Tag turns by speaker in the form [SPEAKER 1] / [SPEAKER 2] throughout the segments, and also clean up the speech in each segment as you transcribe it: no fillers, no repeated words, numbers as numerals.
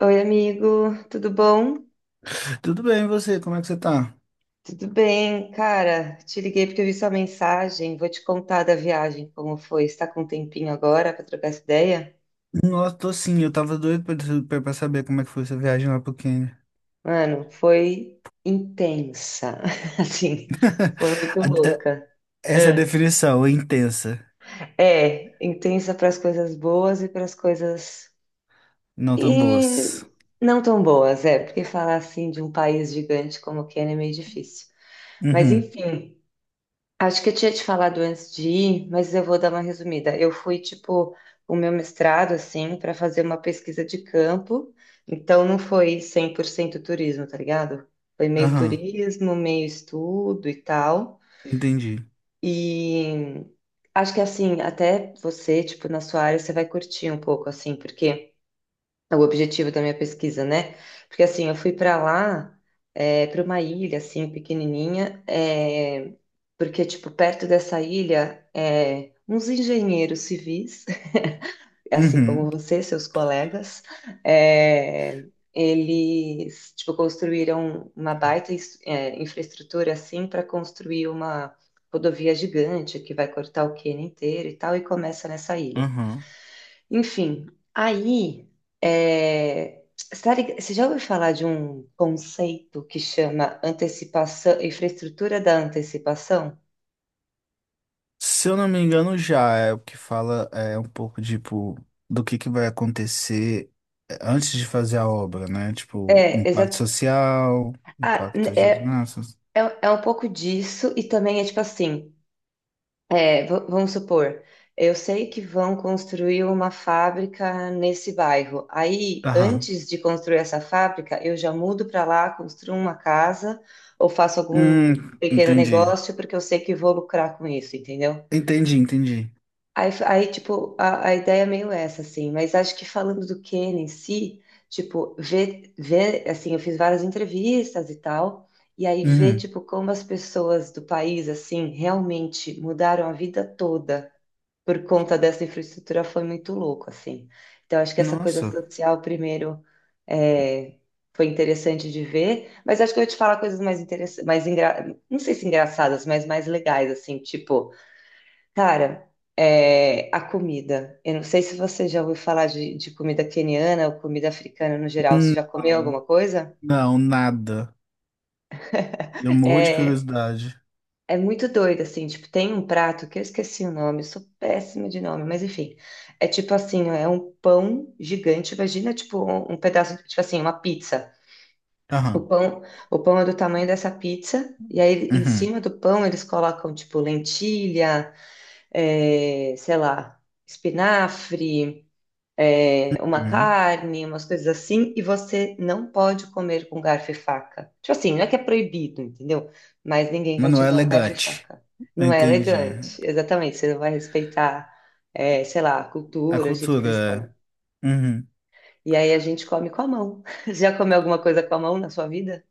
[SPEAKER 1] Oi, amigo, tudo bom?
[SPEAKER 2] Tudo bem, e você? Como é que você tá?
[SPEAKER 1] Tudo bem, cara. Te liguei porque eu vi sua mensagem. Vou te contar da viagem, como foi. Está com um tempinho agora para trocar essa ideia?
[SPEAKER 2] Nossa, tô sim, eu tava doido pra saber como é que foi essa viagem lá pro Quênia.
[SPEAKER 1] Mano, foi intensa. Assim, foi muito
[SPEAKER 2] A- a-
[SPEAKER 1] louca.
[SPEAKER 2] Essa é a
[SPEAKER 1] É,
[SPEAKER 2] definição, intensa,
[SPEAKER 1] é, intensa para as coisas boas e para as coisas
[SPEAKER 2] não tão boas.
[SPEAKER 1] e não tão boas, é, porque falar assim de um país gigante como o Quênia é meio difícil. Mas
[SPEAKER 2] Uhum,
[SPEAKER 1] enfim, acho que eu tinha te falado antes de ir, mas eu vou dar uma resumida. Eu fui, tipo, o meu mestrado, assim, para fazer uma pesquisa de campo, então não foi 100% turismo, tá ligado? Foi meio
[SPEAKER 2] aham,
[SPEAKER 1] turismo, meio estudo e tal.
[SPEAKER 2] entendi.
[SPEAKER 1] E acho que, assim, até você, tipo, na sua área, você vai curtir um pouco, assim, porque. É, o objetivo da minha pesquisa, né? Porque assim, eu fui para lá, para uma ilha assim pequenininha, é, porque tipo perto dessa ilha, é, uns engenheiros civis, assim
[SPEAKER 2] Uhum,
[SPEAKER 1] como você, seus colegas, é, eles tipo construíram uma baita infraestrutura assim para construir uma rodovia gigante que vai cortar o Quênia inteiro e tal e começa nessa ilha.
[SPEAKER 2] aham.
[SPEAKER 1] Enfim, aí, é, você já ouviu falar de um conceito que chama antecipação, infraestrutura da antecipação?
[SPEAKER 2] Se eu não me engano, já é o que fala é um pouco, tipo, do que vai acontecer é, antes de fazer a obra, né? Tipo,
[SPEAKER 1] É,
[SPEAKER 2] impacto
[SPEAKER 1] exato.
[SPEAKER 2] social,
[SPEAKER 1] Ah, n-
[SPEAKER 2] impacto
[SPEAKER 1] é,
[SPEAKER 2] geográfico.
[SPEAKER 1] é, é um pouco disso e também é tipo assim, é, vamos supor, eu sei que vão construir uma fábrica nesse bairro. Aí,
[SPEAKER 2] Aham.
[SPEAKER 1] antes de construir essa fábrica, eu já mudo para lá, construo uma casa ou faço algum
[SPEAKER 2] Hum,
[SPEAKER 1] pequeno
[SPEAKER 2] entendi.
[SPEAKER 1] negócio porque eu sei que vou lucrar com isso, entendeu?
[SPEAKER 2] Entendi, entendi.
[SPEAKER 1] Aí, tipo, a ideia é meio essa, assim, mas acho que falando do Ken em si, tipo, ver, assim, eu fiz várias entrevistas e tal, e aí ver,
[SPEAKER 2] Uhum.
[SPEAKER 1] tipo, como as pessoas do país, assim, realmente mudaram a vida toda por conta dessa infraestrutura foi muito louco, assim. Então, acho que essa coisa
[SPEAKER 2] Nossa.
[SPEAKER 1] social, primeiro, é, foi interessante de ver, mas acho que eu ia te falar coisas mais interessantes, mais engra... não sei se engraçadas, mas mais legais, assim, tipo. Cara, é, a comida. Eu não sei se você já ouviu falar de comida queniana ou comida africana no geral. Você já comeu
[SPEAKER 2] Não,
[SPEAKER 1] alguma coisa?
[SPEAKER 2] não, nada. Eu morro de
[SPEAKER 1] É,
[SPEAKER 2] curiosidade.
[SPEAKER 1] é muito doido, assim. Tipo, tem um prato que eu esqueci o nome, eu sou péssima de nome, mas enfim. É tipo assim, é um pão gigante. Imagina, tipo, um pedaço, tipo assim, uma pizza. O
[SPEAKER 2] Aham.
[SPEAKER 1] pão, o pão é do tamanho dessa pizza, e aí em
[SPEAKER 2] Uhum.
[SPEAKER 1] cima do pão eles colocam, tipo, lentilha, é, sei lá, espinafre, é, uma
[SPEAKER 2] Uhum.
[SPEAKER 1] carne, umas coisas assim, e você não pode comer com garfo e faca. Tipo assim, não é que é proibido, entendeu? Mas ninguém
[SPEAKER 2] Mas
[SPEAKER 1] vai
[SPEAKER 2] não
[SPEAKER 1] te
[SPEAKER 2] é
[SPEAKER 1] dar um garfo e
[SPEAKER 2] elegante.
[SPEAKER 1] faca. Não é
[SPEAKER 2] Entendi.
[SPEAKER 1] elegante, exatamente. Você não vai respeitar, é, sei lá, a
[SPEAKER 2] A
[SPEAKER 1] cultura, o jeito que eles comem.
[SPEAKER 2] cultura. É. Uhum.
[SPEAKER 1] E aí a gente come com a mão. Já comeu alguma coisa com a mão na sua vida?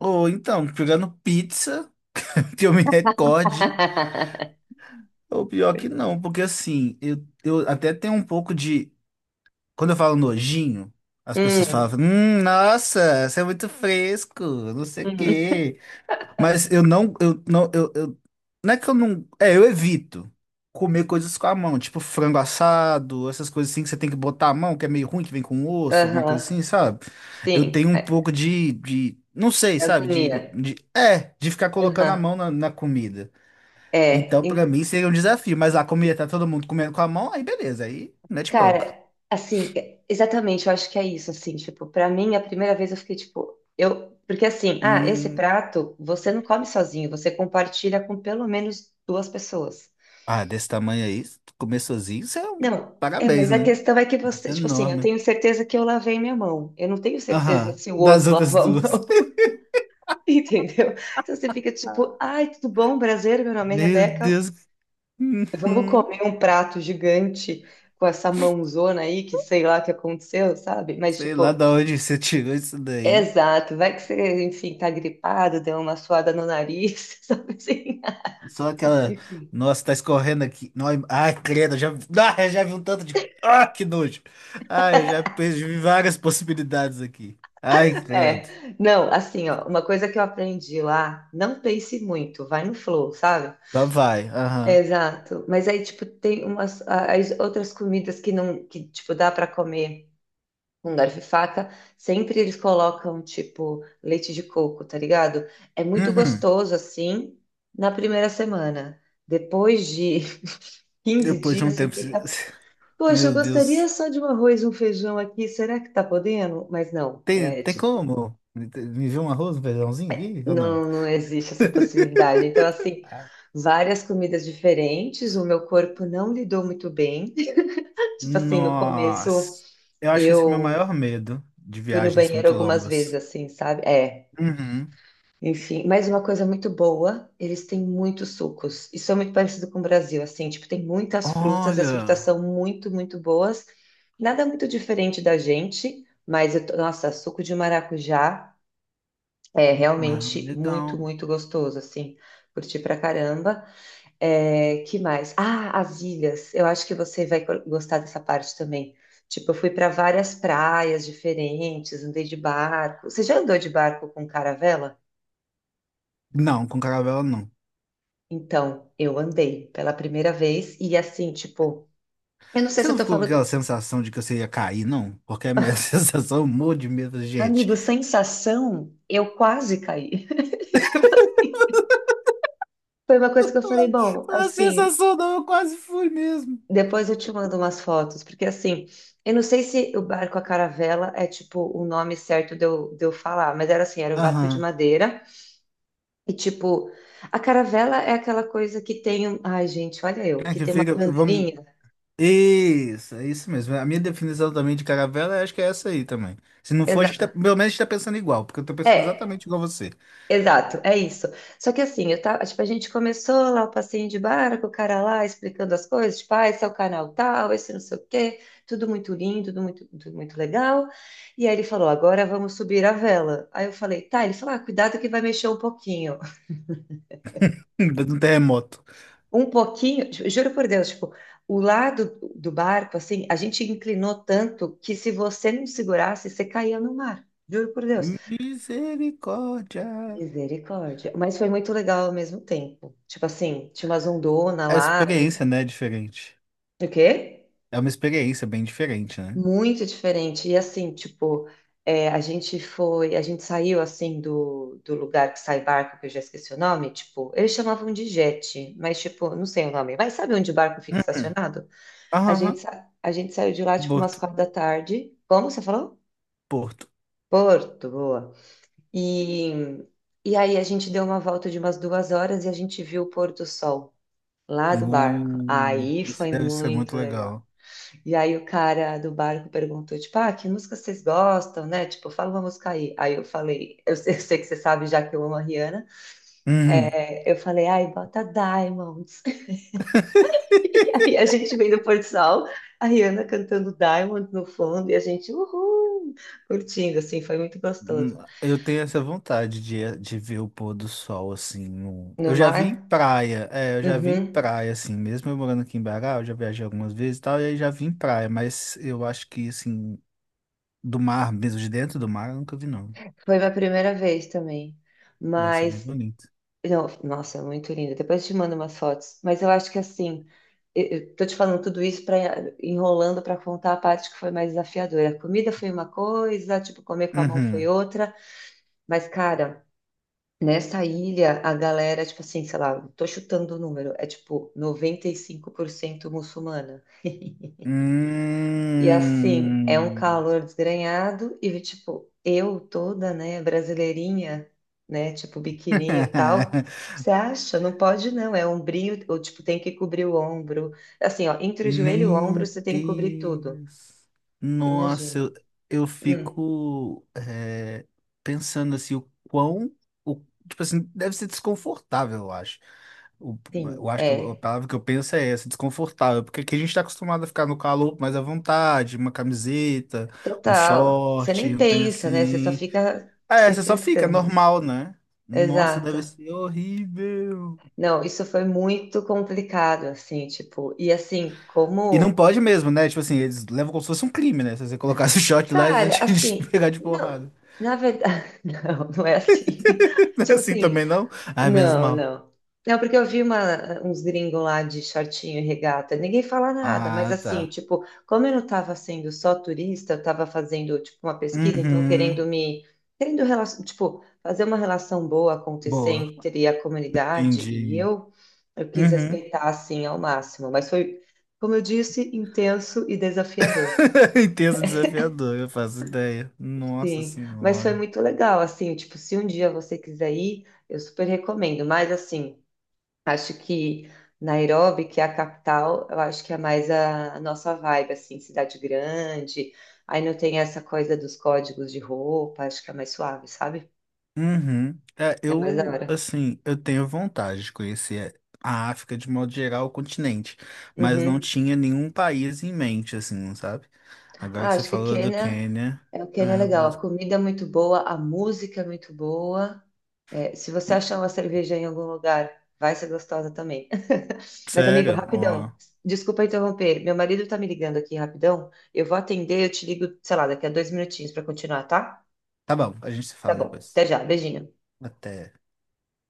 [SPEAKER 2] Ou então, pegando pizza, que eu me recorde, ou pior que não, porque assim, eu até tenho um pouco de. Quando eu falo nojinho, as pessoas
[SPEAKER 1] Hum,
[SPEAKER 2] falam, nossa, você é muito fresco, não sei o
[SPEAKER 1] hum,
[SPEAKER 2] quê. Mas eu não, eu não, eu- não é que eu não, é, eu evito comer coisas com a mão, tipo frango assado, essas coisas assim que você tem que botar a mão, que é meio ruim, que vem com osso, alguma coisa
[SPEAKER 1] aham,
[SPEAKER 2] assim, sabe? Eu
[SPEAKER 1] sim,
[SPEAKER 2] tenho um
[SPEAKER 1] é,
[SPEAKER 2] pouco de, não sei,
[SPEAKER 1] da
[SPEAKER 2] sabe? De,
[SPEAKER 1] agonia.
[SPEAKER 2] de, é, de ficar colocando a
[SPEAKER 1] Aham,
[SPEAKER 2] mão na comida.
[SPEAKER 1] é,
[SPEAKER 2] Então, pra mim, seria um desafio, mas a comida tá todo mundo comendo com a mão, aí beleza, aí mete bronca.
[SPEAKER 1] cara, assim, é- exatamente, eu acho que é isso, assim, tipo, pra mim, a primeira vez eu fiquei, tipo, eu, porque assim, ah, esse
[SPEAKER 2] Hum,
[SPEAKER 1] prato, você não come sozinho, você compartilha com pelo menos duas pessoas.
[SPEAKER 2] ah, desse tamanho aí, comer sozinho, isso é um
[SPEAKER 1] Não, é,
[SPEAKER 2] parabéns,
[SPEAKER 1] mas a
[SPEAKER 2] né?
[SPEAKER 1] questão é que
[SPEAKER 2] Isso
[SPEAKER 1] você,
[SPEAKER 2] é
[SPEAKER 1] tipo assim, eu
[SPEAKER 2] enorme.
[SPEAKER 1] tenho certeza que eu lavei minha mão, eu não tenho certeza
[SPEAKER 2] Aham,
[SPEAKER 1] se o
[SPEAKER 2] das
[SPEAKER 1] outro
[SPEAKER 2] outras
[SPEAKER 1] lavou a
[SPEAKER 2] duas.
[SPEAKER 1] mão, entendeu? Então você fica, tipo, ai, tudo bom, prazer, meu nome é
[SPEAKER 2] Meu
[SPEAKER 1] Rebeca,
[SPEAKER 2] Deus.
[SPEAKER 1] vamos comer um prato gigante com essa mãozona aí, que sei lá o que aconteceu, sabe? Mas,
[SPEAKER 2] Sei lá
[SPEAKER 1] tipo...
[SPEAKER 2] da onde você tirou isso daí.
[SPEAKER 1] Exato, vai que você, enfim, tá gripado, deu uma suada no nariz, sabe assim?
[SPEAKER 2] Só aquela.
[SPEAKER 1] Enfim.
[SPEAKER 2] Nossa, tá escorrendo aqui. Ai, credo, eu já vi um tanto de. Ah, que nojo. Ai, eu já perdi várias possibilidades aqui. Ai,
[SPEAKER 1] É,
[SPEAKER 2] credo.
[SPEAKER 1] não, assim, ó, uma coisa que eu aprendi lá, não pense muito, vai no flow, sabe?
[SPEAKER 2] Só vai. Aham.
[SPEAKER 1] Exato. Mas aí, tipo, tem umas as outras comidas que não, que, tipo, dá para comer com garfo e faca, sempre eles colocam, tipo, leite de coco, tá ligado? É muito
[SPEAKER 2] Uhum.
[SPEAKER 1] gostoso, assim, na primeira semana. Depois de 15
[SPEAKER 2] Depois de
[SPEAKER 1] dias,
[SPEAKER 2] um
[SPEAKER 1] você
[SPEAKER 2] tempo.
[SPEAKER 1] fica: poxa, eu
[SPEAKER 2] Meu
[SPEAKER 1] gostaria
[SPEAKER 2] Deus.
[SPEAKER 1] só de um arroz e um feijão aqui. Será que tá podendo? Mas não,
[SPEAKER 2] Tem,
[SPEAKER 1] é
[SPEAKER 2] tem
[SPEAKER 1] tipo,
[SPEAKER 2] como? Me viu um arroz, um feijãozinho? Ih, ou não?
[SPEAKER 1] não, não existe essa possibilidade. Então, assim,
[SPEAKER 2] Ah,
[SPEAKER 1] várias comidas diferentes. O meu corpo não lidou muito bem. Tipo assim, no começo
[SPEAKER 2] nossa. Eu acho que esse é meu
[SPEAKER 1] eu
[SPEAKER 2] maior medo de
[SPEAKER 1] fui no
[SPEAKER 2] viagens
[SPEAKER 1] banheiro
[SPEAKER 2] muito
[SPEAKER 1] algumas vezes,
[SPEAKER 2] longas.
[SPEAKER 1] assim, sabe? É.
[SPEAKER 2] Uhum.
[SPEAKER 1] Enfim, mas uma coisa muito boa, eles têm muitos sucos. Isso é muito parecido com o Brasil, assim, tipo, tem muitas frutas, e as frutas
[SPEAKER 2] Olha,
[SPEAKER 1] são muito, muito boas. Nada muito diferente da gente, mas eu, tô- nossa, suco de maracujá é
[SPEAKER 2] ah,
[SPEAKER 1] realmente muito,
[SPEAKER 2] legal.
[SPEAKER 1] muito gostoso, assim. Curti pra caramba. É, que mais? Ah, as ilhas. Eu acho que você vai gostar dessa parte também. Tipo, eu fui para várias praias diferentes, andei de barco. Você já andou de barco com caravela?
[SPEAKER 2] Não, com caravela não.
[SPEAKER 1] Então, eu andei pela primeira vez e assim, tipo, eu não sei
[SPEAKER 2] Você
[SPEAKER 1] se eu
[SPEAKER 2] não
[SPEAKER 1] tô
[SPEAKER 2] ficou com aquela
[SPEAKER 1] falando,
[SPEAKER 2] sensação de que você ia cair, não? Porque a minha sensação, eu morro de medo, da gente.
[SPEAKER 1] amigo, sensação, eu quase caí. Foi uma coisa que eu falei, bom,
[SPEAKER 2] A
[SPEAKER 1] assim,
[SPEAKER 2] sensação não, eu quase fui mesmo.
[SPEAKER 1] depois eu te mando umas fotos, porque assim, eu não sei se o barco a caravela é tipo o nome certo de eu falar, mas era assim, era um barco de
[SPEAKER 2] Aham.
[SPEAKER 1] madeira e tipo, a caravela é aquela coisa que tem, um- ai gente, olha eu,
[SPEAKER 2] É
[SPEAKER 1] que
[SPEAKER 2] que
[SPEAKER 1] tem uma
[SPEAKER 2] fica, vamos.
[SPEAKER 1] bandeirinha.
[SPEAKER 2] Isso, é isso mesmo. A minha definição também de caravela, eu acho que é essa aí também. Se não for, a gente
[SPEAKER 1] Exato.
[SPEAKER 2] tá, pelo menos a gente tá pensando igual, porque eu tô pensando
[SPEAKER 1] É,
[SPEAKER 2] exatamente igual você.
[SPEAKER 1] exato, é isso. Só que assim, eu tava, tipo, a gente começou lá o passeio de barco, o cara lá explicando as coisas, tipo, ah, esse é o canal tal, esse não sei o quê, tudo muito lindo, tudo muito legal. E aí ele falou, agora vamos subir a vela. Aí eu falei, tá, ele falou, ah, cuidado que vai mexer um pouquinho.
[SPEAKER 2] No terremoto.
[SPEAKER 1] Um pouquinho, juro por Deus, tipo, o lado do barco, assim, a gente inclinou tanto que se você não segurasse, você caía no mar. Juro por Deus.
[SPEAKER 2] Misericórdia.
[SPEAKER 1] Misericórdia. Mas foi muito legal ao mesmo tempo. Tipo assim, tinha umas ondonas
[SPEAKER 2] É a
[SPEAKER 1] lá. De...
[SPEAKER 2] experiência, né, é diferente.
[SPEAKER 1] O quê?
[SPEAKER 2] É uma experiência bem diferente, né?
[SPEAKER 1] Muito diferente. E assim, tipo, é, a gente foi, a gente saiu assim do lugar que sai barco, que eu já esqueci o nome, tipo, eles chamavam de jet, mas tipo, não sei o nome. Mas sabe onde o barco fica estacionado? A
[SPEAKER 2] Aham,
[SPEAKER 1] gente,
[SPEAKER 2] aham.
[SPEAKER 1] sa- a gente saiu de lá, tipo, umas
[SPEAKER 2] Porto,
[SPEAKER 1] 4 da tarde. Como você falou?
[SPEAKER 2] Porto.
[SPEAKER 1] Porto, boa. E, e aí a gente deu uma volta de umas 2 horas e a gente viu o pôr do sol. Lá do barco. Aí
[SPEAKER 2] Isso
[SPEAKER 1] foi
[SPEAKER 2] deve ser muito
[SPEAKER 1] muito legal.
[SPEAKER 2] legal.
[SPEAKER 1] E aí o cara do barco perguntou, tipo, ah, que música vocês gostam, né? Tipo, fala uma música aí. Aí eu falei, eu sei que você sabe já que eu amo a Rihanna.
[SPEAKER 2] Uhum.
[SPEAKER 1] É, eu falei, ai, bota Diamonds. E aí a gente vem do Porto Sol, a Rihanna cantando Diamonds no fundo e a gente, uhul, curtindo, assim, foi muito
[SPEAKER 2] Hum.
[SPEAKER 1] gostoso.
[SPEAKER 2] Eu tenho essa vontade de ver o pôr do sol, assim.
[SPEAKER 1] No
[SPEAKER 2] Eu já vi em
[SPEAKER 1] mar,
[SPEAKER 2] praia, é, eu já vi em
[SPEAKER 1] uhum,
[SPEAKER 2] praia, assim. Mesmo eu morando aqui em Bará, eu já viajei algumas vezes e tal, e aí já vi em praia, mas eu acho que, assim, do mar, mesmo de dentro do mar, eu nunca vi, não.
[SPEAKER 1] foi minha primeira vez também.
[SPEAKER 2] Deve ser bem
[SPEAKER 1] Mas
[SPEAKER 2] bonito.
[SPEAKER 1] não, nossa, é muito linda. Depois te mando umas fotos. Mas eu acho que assim, eu tô te falando tudo isso para enrolando para contar a parte que foi mais desafiadora. A comida foi uma coisa, tipo, comer com a mão foi
[SPEAKER 2] Uhum.
[SPEAKER 1] outra. Mas, cara, nessa ilha, a galera, tipo assim, sei lá, tô chutando o número, é tipo 95% muçulmana. E assim, é um
[SPEAKER 2] Hum.
[SPEAKER 1] calor desgrenhado e tipo, eu toda, né, brasileirinha, né, tipo biquininho e tal. Você acha? Não pode não, é ombrinho, ou tipo, tem que cobrir o ombro. Assim, ó, entre o joelho e o ombro
[SPEAKER 2] Meu
[SPEAKER 1] você tem que cobrir tudo.
[SPEAKER 2] Deus. Nossa,
[SPEAKER 1] Imagina.
[SPEAKER 2] eu
[SPEAKER 1] Hum,
[SPEAKER 2] fico é, pensando assim, o quão. O, tipo assim, deve ser desconfortável, eu acho. O- eu
[SPEAKER 1] sim,
[SPEAKER 2] acho que a
[SPEAKER 1] é.
[SPEAKER 2] palavra que eu penso é essa, desconfortável, porque aqui a gente está acostumado a ficar no calor mais à vontade, uma camiseta, um
[SPEAKER 1] Total. Você
[SPEAKER 2] short,
[SPEAKER 1] nem
[SPEAKER 2] um tem
[SPEAKER 1] pensa, né? Você só
[SPEAKER 2] assim.
[SPEAKER 1] fica
[SPEAKER 2] É,
[SPEAKER 1] se
[SPEAKER 2] você só fica é
[SPEAKER 1] frescando.
[SPEAKER 2] normal, né? Nossa,
[SPEAKER 1] Exato.
[SPEAKER 2] deve ser horrível.
[SPEAKER 1] Não, isso foi muito complicado, assim, tipo, e assim,
[SPEAKER 2] E não
[SPEAKER 1] como
[SPEAKER 2] pode mesmo, né? Tipo assim, eles levam como se fosse um crime, né? Se você colocasse o shot lá, eles iam
[SPEAKER 1] cara,
[SPEAKER 2] te
[SPEAKER 1] assim,
[SPEAKER 2] pegar de
[SPEAKER 1] não,
[SPEAKER 2] porrada.
[SPEAKER 1] na verdade, não, não é assim.
[SPEAKER 2] Não é
[SPEAKER 1] Tipo
[SPEAKER 2] assim
[SPEAKER 1] assim,
[SPEAKER 2] também, não? Ai, menos
[SPEAKER 1] não,
[SPEAKER 2] mal.
[SPEAKER 1] não. Não, porque eu vi uma, uns gringos lá de shortinho e regata, ninguém fala nada, mas
[SPEAKER 2] Ah,
[SPEAKER 1] assim,
[SPEAKER 2] tá.
[SPEAKER 1] tipo, como eu não estava sendo só turista, eu estava fazendo, tipo, uma pesquisa, então querendo
[SPEAKER 2] Uhum.
[SPEAKER 1] me, querendo, tipo, fazer uma relação boa acontecer
[SPEAKER 2] Boa.
[SPEAKER 1] entre a comunidade e
[SPEAKER 2] Entendi.
[SPEAKER 1] eu quis
[SPEAKER 2] Uhum.
[SPEAKER 1] respeitar, assim, ao máximo, mas foi, como eu disse, intenso e desafiador.
[SPEAKER 2] Intenso desafiador, eu faço ideia. Nossa
[SPEAKER 1] Sim, mas foi
[SPEAKER 2] senhora.
[SPEAKER 1] muito legal, assim, tipo, se um dia você quiser ir, eu super recomendo. Mas assim, acho que Nairobi, que é a capital, eu acho que é mais a nossa vibe, assim, cidade grande. Aí não tem essa coisa dos códigos de roupa, acho que é mais suave, sabe?
[SPEAKER 2] Uhum. É,
[SPEAKER 1] É mais da
[SPEAKER 2] eu,
[SPEAKER 1] hora.
[SPEAKER 2] assim, eu tenho vontade de conhecer a África de modo geral, o continente, mas não
[SPEAKER 1] Uhum.
[SPEAKER 2] tinha nenhum país em mente, assim, sabe? Agora
[SPEAKER 1] Ah,
[SPEAKER 2] que você
[SPEAKER 1] acho que
[SPEAKER 2] falou do
[SPEAKER 1] Quênia,
[SPEAKER 2] Quênia,
[SPEAKER 1] é, o Quênia é
[SPEAKER 2] é,
[SPEAKER 1] legal. A comida é muito boa, a música é muito boa. É, se você achar uma cerveja em algum lugar, vai ser gostosa também. Mas, amigo,
[SPEAKER 2] sério, ó.
[SPEAKER 1] rapidão. Desculpa interromper. Meu marido tá me ligando aqui rapidão. Eu vou atender, eu te ligo, sei lá, daqui a 2 minutinhos para continuar, tá?
[SPEAKER 2] Tá bom, a gente se
[SPEAKER 1] Tá
[SPEAKER 2] fala
[SPEAKER 1] bom.
[SPEAKER 2] depois.
[SPEAKER 1] Até já. Beijinho.
[SPEAKER 2] Até.